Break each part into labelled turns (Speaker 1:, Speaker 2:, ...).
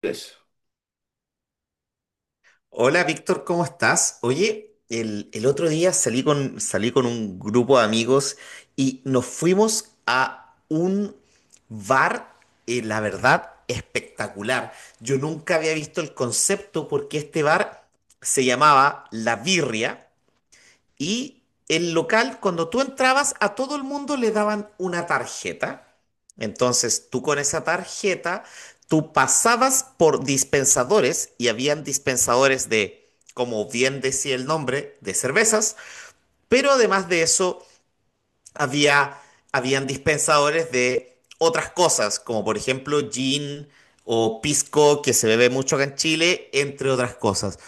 Speaker 1: Pues,
Speaker 2: Hola Víctor, ¿cómo estás? Oye, el otro día salí con un grupo de amigos y nos fuimos a un bar, la verdad, espectacular. Yo nunca había visto el concepto porque este bar se llamaba La Birria y el local, cuando tú entrabas, a todo el mundo le daban una tarjeta. Entonces, tú con esa tarjeta, tú pasabas por dispensadores y habían dispensadores de, como bien decía el nombre, de cervezas, pero además de eso, había, habían dispensadores de otras cosas, como por ejemplo gin o pisco, que se bebe mucho acá en Chile, entre otras cosas.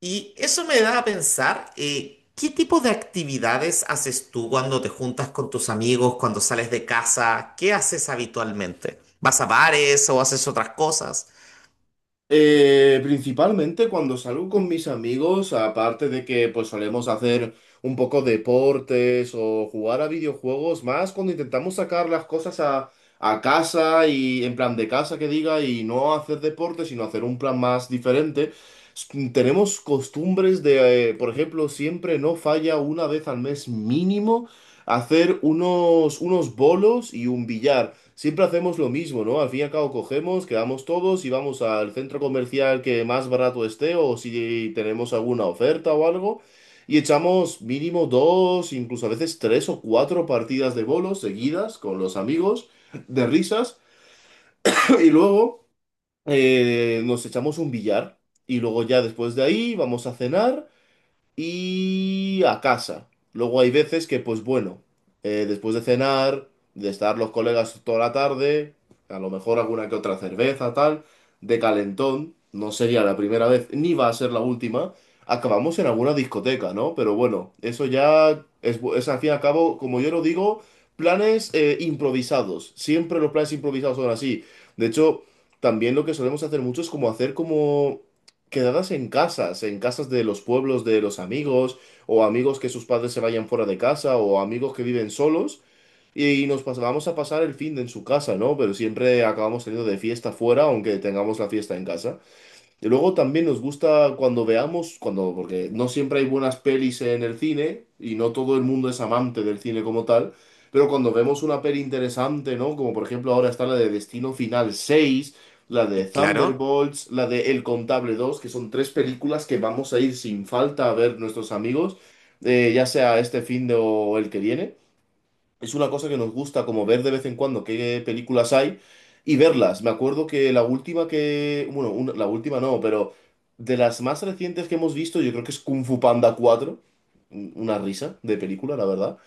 Speaker 2: Y eso me da a pensar, ¿qué tipo de actividades haces tú cuando te juntas con tus amigos, cuando sales de casa? ¿Qué haces habitualmente? ¿Vas a bares o haces otras cosas?
Speaker 1: Principalmente cuando salgo con mis amigos, aparte de que pues solemos hacer un poco deportes o jugar a videojuegos, más cuando intentamos sacar las cosas a casa y en plan de casa que diga y no hacer deporte, sino hacer un plan más diferente, tenemos costumbres de, por ejemplo, siempre no falla una vez al mes mínimo hacer unos bolos y un billar. Siempre hacemos lo mismo, ¿no? Al fin y al cabo cogemos, quedamos todos y vamos al centro comercial que más barato esté o si tenemos alguna oferta o algo y echamos mínimo dos, incluso a veces tres o cuatro partidas de bolos seguidas con los amigos de risas y luego nos echamos un billar y luego ya después de ahí vamos a cenar y a casa. Luego hay veces que, pues bueno, después de cenar, de estar los colegas toda la tarde, a lo mejor alguna que otra cerveza, tal, de calentón, no sería la primera vez, ni va a ser la última, acabamos en alguna discoteca, ¿no? Pero bueno, eso ya es, es al fin y al cabo, como yo lo digo, planes improvisados. Siempre los planes improvisados son así. De hecho, también lo que solemos hacer mucho es como hacer como quedadas en casas de los pueblos de los amigos, o amigos que sus padres se vayan fuera de casa, o amigos que viven solos, y vamos a pasar el fin de en su casa, ¿no? Pero siempre acabamos teniendo de fiesta fuera, aunque tengamos la fiesta en casa. Y luego también nos gusta cuando veamos, cuando, porque no siempre hay buenas pelis en el cine, y no todo el mundo es amante del cine como tal, pero cuando vemos una peli interesante, ¿no? Como por ejemplo ahora está la de Destino Final seis, la de
Speaker 2: Y claro,
Speaker 1: Thunderbolts, la de El Contable dos, que son tres películas que vamos a ir sin falta a ver nuestros amigos, ya sea este fin de o el que viene. Es una cosa que nos gusta como ver de vez en cuando qué películas hay y verlas. Me acuerdo que la última que, bueno, la última no, pero de las más recientes que hemos visto, yo creo que es Kung Fu Panda cuatro. Una risa de película, la verdad.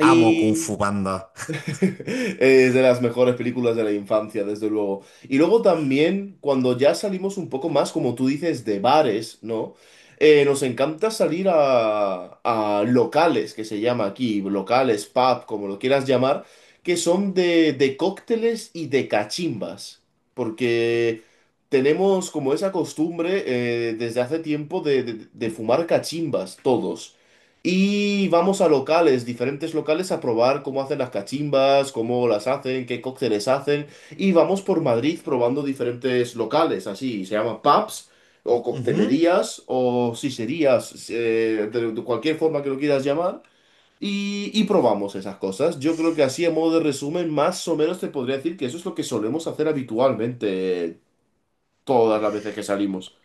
Speaker 2: amo Kung Fu Panda.
Speaker 1: es de las mejores películas de la infancia, desde luego. Y luego también, cuando ya salimos un poco más, como tú dices, de bares, ¿no? Nos encanta salir a locales, que se llama aquí, locales, pub, como lo quieras llamar, que son de cócteles y de cachimbas. Porque tenemos como esa costumbre desde hace tiempo de, de fumar cachimbas, todos. Y vamos a locales, diferentes locales, a probar cómo hacen las cachimbas, cómo las hacen, qué cócteles hacen. Y vamos por Madrid probando diferentes locales, así, se llaman pubs, o coctelerías, o siserías, de cualquier forma que lo quieras llamar. Y probamos esas cosas. Yo creo que así, a modo de resumen, más o menos te podría decir que eso es lo que solemos hacer habitualmente todas las veces que salimos.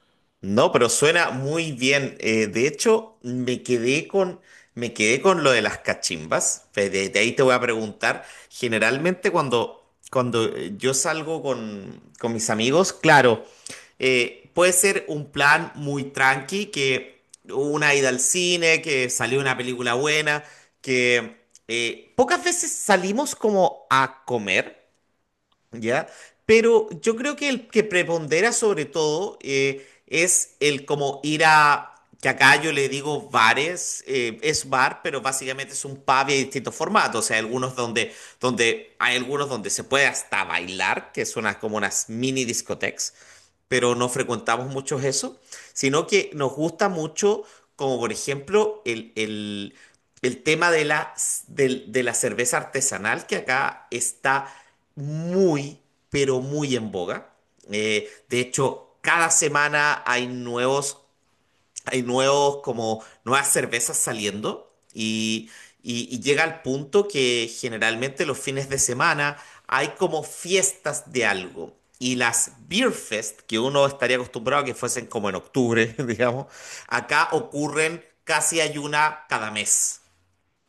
Speaker 2: No, pero suena muy bien. De hecho, me quedé con lo de las cachimbas. De ahí te voy a preguntar. Generalmente cuando yo salgo con mis amigos, claro, puede ser un plan muy tranqui, que una ida al cine, que salió una película buena, que pocas veces salimos como a comer. ¿Ya? Pero yo creo que el que prepondera sobre todo es el como ir a, que acá yo le digo bares, es bar, pero básicamente es un pub y hay distintos formatos, o sea, hay algunos hay algunos donde se puede hasta bailar, que son como unas mini discotecas, pero no frecuentamos muchos eso, sino que nos gusta mucho, como por ejemplo, el tema de de la cerveza artesanal, que acá está muy, pero muy en boga. De hecho, cada semana hay nuevos, como nuevas cervezas saliendo y, y llega al punto que generalmente los fines de semana hay como fiestas de algo. Y las Beer Fest, que uno estaría acostumbrado a que fuesen como en octubre, digamos, acá ocurren, casi hay una cada mes.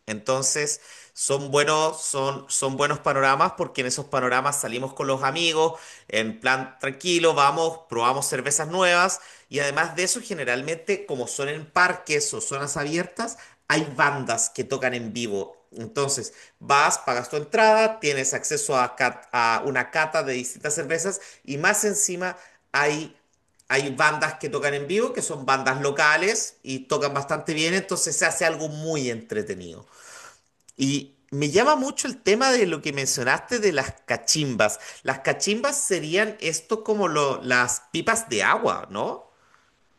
Speaker 2: Entonces, son buenos panoramas porque en esos panoramas salimos con los amigos, en plan tranquilo, vamos, probamos cervezas nuevas, y además de eso, generalmente, como son en parques o zonas abiertas, hay bandas que tocan en vivo. Entonces, vas, pagas tu entrada, tienes acceso a, a una cata de distintas cervezas y más encima hay... Hay bandas que tocan en vivo, que son bandas locales y tocan bastante bien, entonces se hace algo muy entretenido. Y me llama mucho el tema de lo que mencionaste de las cachimbas. Las cachimbas serían esto como las pipas de agua, ¿no?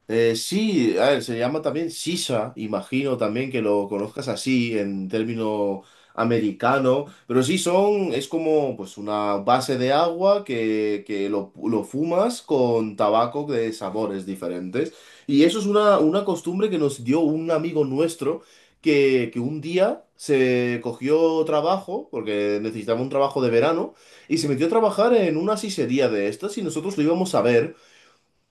Speaker 1: Sí, a ver, se llama también Sisa, imagino también que lo conozcas así en término americano, pero sí son, es como pues una base de agua que lo fumas con tabaco de sabores diferentes. Y eso es una costumbre que nos dio un amigo nuestro que un día se cogió trabajo, porque necesitaba un trabajo de verano, y se metió a trabajar en una sisería de estas y nosotros lo íbamos a ver.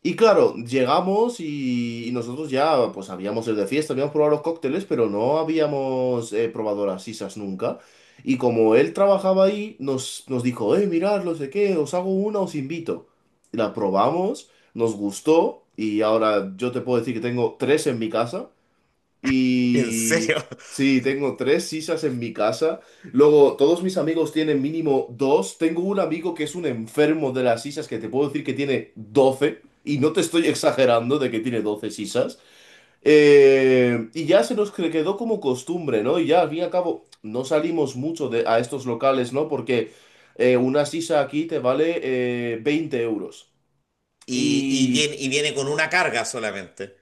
Speaker 1: Y claro, llegamos y nosotros ya pues habíamos ido de fiesta, habíamos probado los cócteles, pero no habíamos probado las sisas nunca. Y como él trabajaba ahí, nos dijo, mirad, no sé qué, os hago una, os invito. Y la probamos, nos gustó y ahora yo te puedo decir que tengo tres en mi casa.
Speaker 2: En serio.
Speaker 1: Y sí, tengo tres sisas en mi casa. Luego, todos mis amigos tienen mínimo dos. Tengo un amigo que es un enfermo de las sisas que te puedo decir que tiene 12. Y no te estoy exagerando de que tiene 12 sisas. Y ya se nos quedó como costumbre, ¿no? Y ya al fin y al cabo no salimos mucho de, a estos locales, ¿no? Porque una sisa aquí te vale 20 euros.
Speaker 2: Y, y viene con una carga solamente,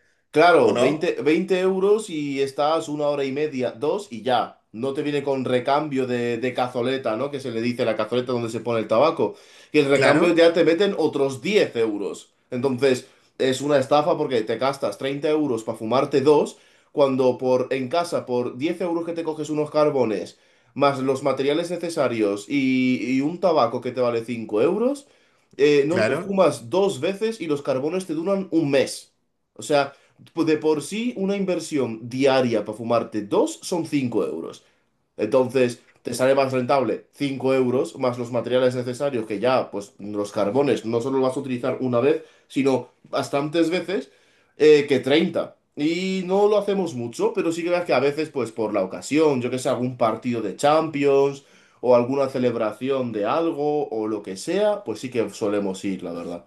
Speaker 2: ¿o
Speaker 1: Claro,
Speaker 2: no?
Speaker 1: 20 20 euros y estás una hora y media, dos y ya. No te viene con recambio de cazoleta, ¿no? Que se le dice la cazoleta donde se pone el tabaco. Y el recambio
Speaker 2: Claro,
Speaker 1: ya te meten otros 10 euros. Entonces, es una estafa porque te gastas 30 euros para fumarte dos, cuando por, en casa por 10 euros que te coges unos carbones, más los materiales necesarios y un tabaco que te vale 5 euros, no,
Speaker 2: claro.
Speaker 1: fumas dos veces y los carbones te duran un mes. O sea, de por sí una inversión diaria para fumarte dos son 5 euros. Entonces, te sale más rentable 5 euros más los materiales necesarios, que ya, pues los carbones no solo los vas a utilizar una vez, sino bastantes veces, que 30. Y no lo hacemos mucho, pero sí que ves que a veces, pues por la ocasión, yo que sé, algún partido de Champions o alguna celebración de algo o lo que sea, pues sí que solemos ir, la verdad.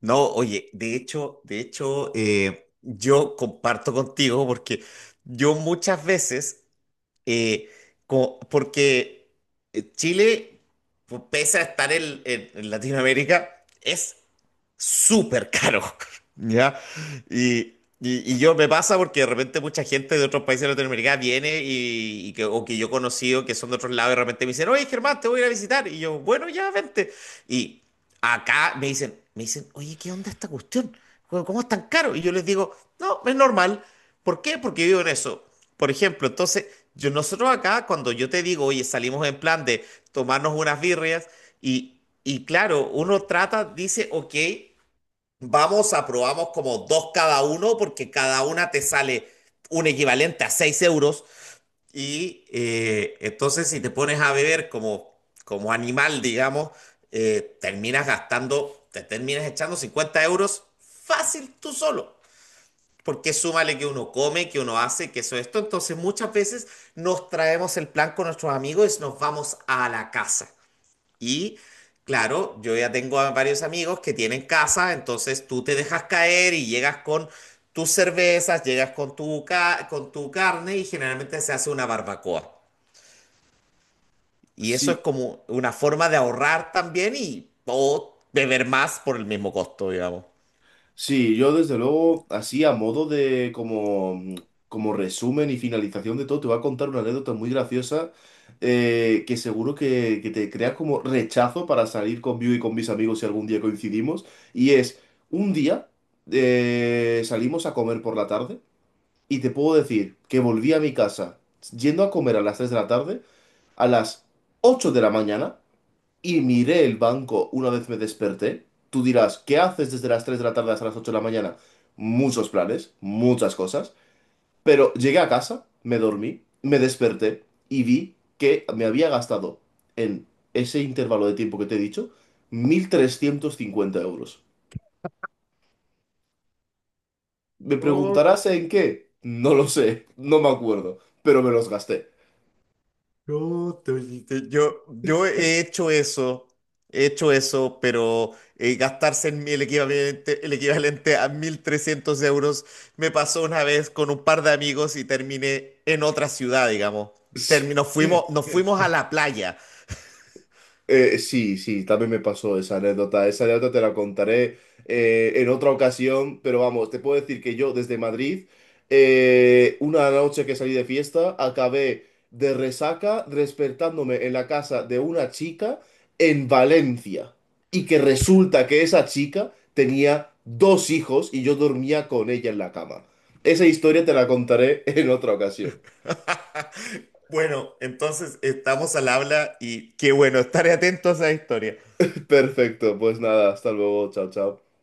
Speaker 2: No, oye, de hecho, yo comparto contigo porque yo muchas veces, eh, porque Chile, pues, pese a estar en en Latinoamérica, es súper caro. ¿Ya? Y, y yo me pasa porque de repente mucha gente de otros países de Latinoamérica viene y que, o que yo he conocido que son de otros lados y de repente me dicen, oye Germán, te voy a ir a visitar. Y yo, bueno, ya vente. Y acá me dicen, oye, ¿qué onda esta cuestión? Cómo es tan caro? Y yo les digo, no, es normal. ¿Por qué? Porque vivo en eso. Por ejemplo, entonces, nosotros acá, cuando yo te digo, oye, salimos en plan de tomarnos unas birrias, y claro, uno trata, dice, ok, vamos, aprobamos como dos cada uno, porque cada una te sale un equivalente a 6 euros. Y entonces si te pones a beber como, como animal, digamos, te terminas echando 50 euros fácil tú solo. Porque súmale que uno come, que uno hace, que eso, esto. Entonces muchas veces nos traemos el plan con nuestros amigos y nos vamos a la casa. Y claro, yo ya tengo a varios amigos que tienen casa, entonces tú te dejas caer y llegas con tus cervezas, llegas con con tu carne y generalmente se hace una barbacoa. Y eso es
Speaker 1: Sí,
Speaker 2: como una forma de ahorrar también y o beber más por el mismo costo, digamos.
Speaker 1: sí, yo desde luego, así a modo de como, como resumen y finalización de todo, te voy a contar una anécdota muy graciosa que, seguro que te crea como rechazo para salir conmigo y con mis amigos si algún día coincidimos. Y es, un día salimos a comer por la tarde y te puedo decir que volví a mi casa yendo a comer a las 3 de la tarde, a las 8 de la mañana y miré el banco una vez me desperté. Tú dirás, ¿qué haces desde las 3 de la tarde hasta las 8 de la mañana? Muchos planes, muchas cosas. Pero llegué a casa, me dormí, me desperté y vi que me había gastado en ese intervalo de tiempo que te he dicho 1.350 euros. ¿Me preguntarás en qué? No lo sé, no me acuerdo, pero me los gasté.
Speaker 2: Yo, te- te- yo he hecho eso, he hecho eso, pero gastarse en mí el equivalente a 1300 euros me pasó una vez con un par de amigos y terminé en otra ciudad, digamos.
Speaker 1: Sí.
Speaker 2: Nos fuimos a la playa.
Speaker 1: Sí, sí, también me pasó esa anécdota. Esa anécdota te la contaré en otra ocasión, pero vamos, te puedo decir que yo desde Madrid, una noche que salí de fiesta, acabé de resaca despertándome en la casa de una chica en Valencia. Y que resulta que esa chica tenía dos hijos y yo dormía con ella en la cama. Esa historia te la contaré en otra ocasión.
Speaker 2: Bueno, entonces estamos al habla y qué bueno, estaré atento a esa historia.
Speaker 1: Perfecto, pues nada, hasta luego, chao, chao.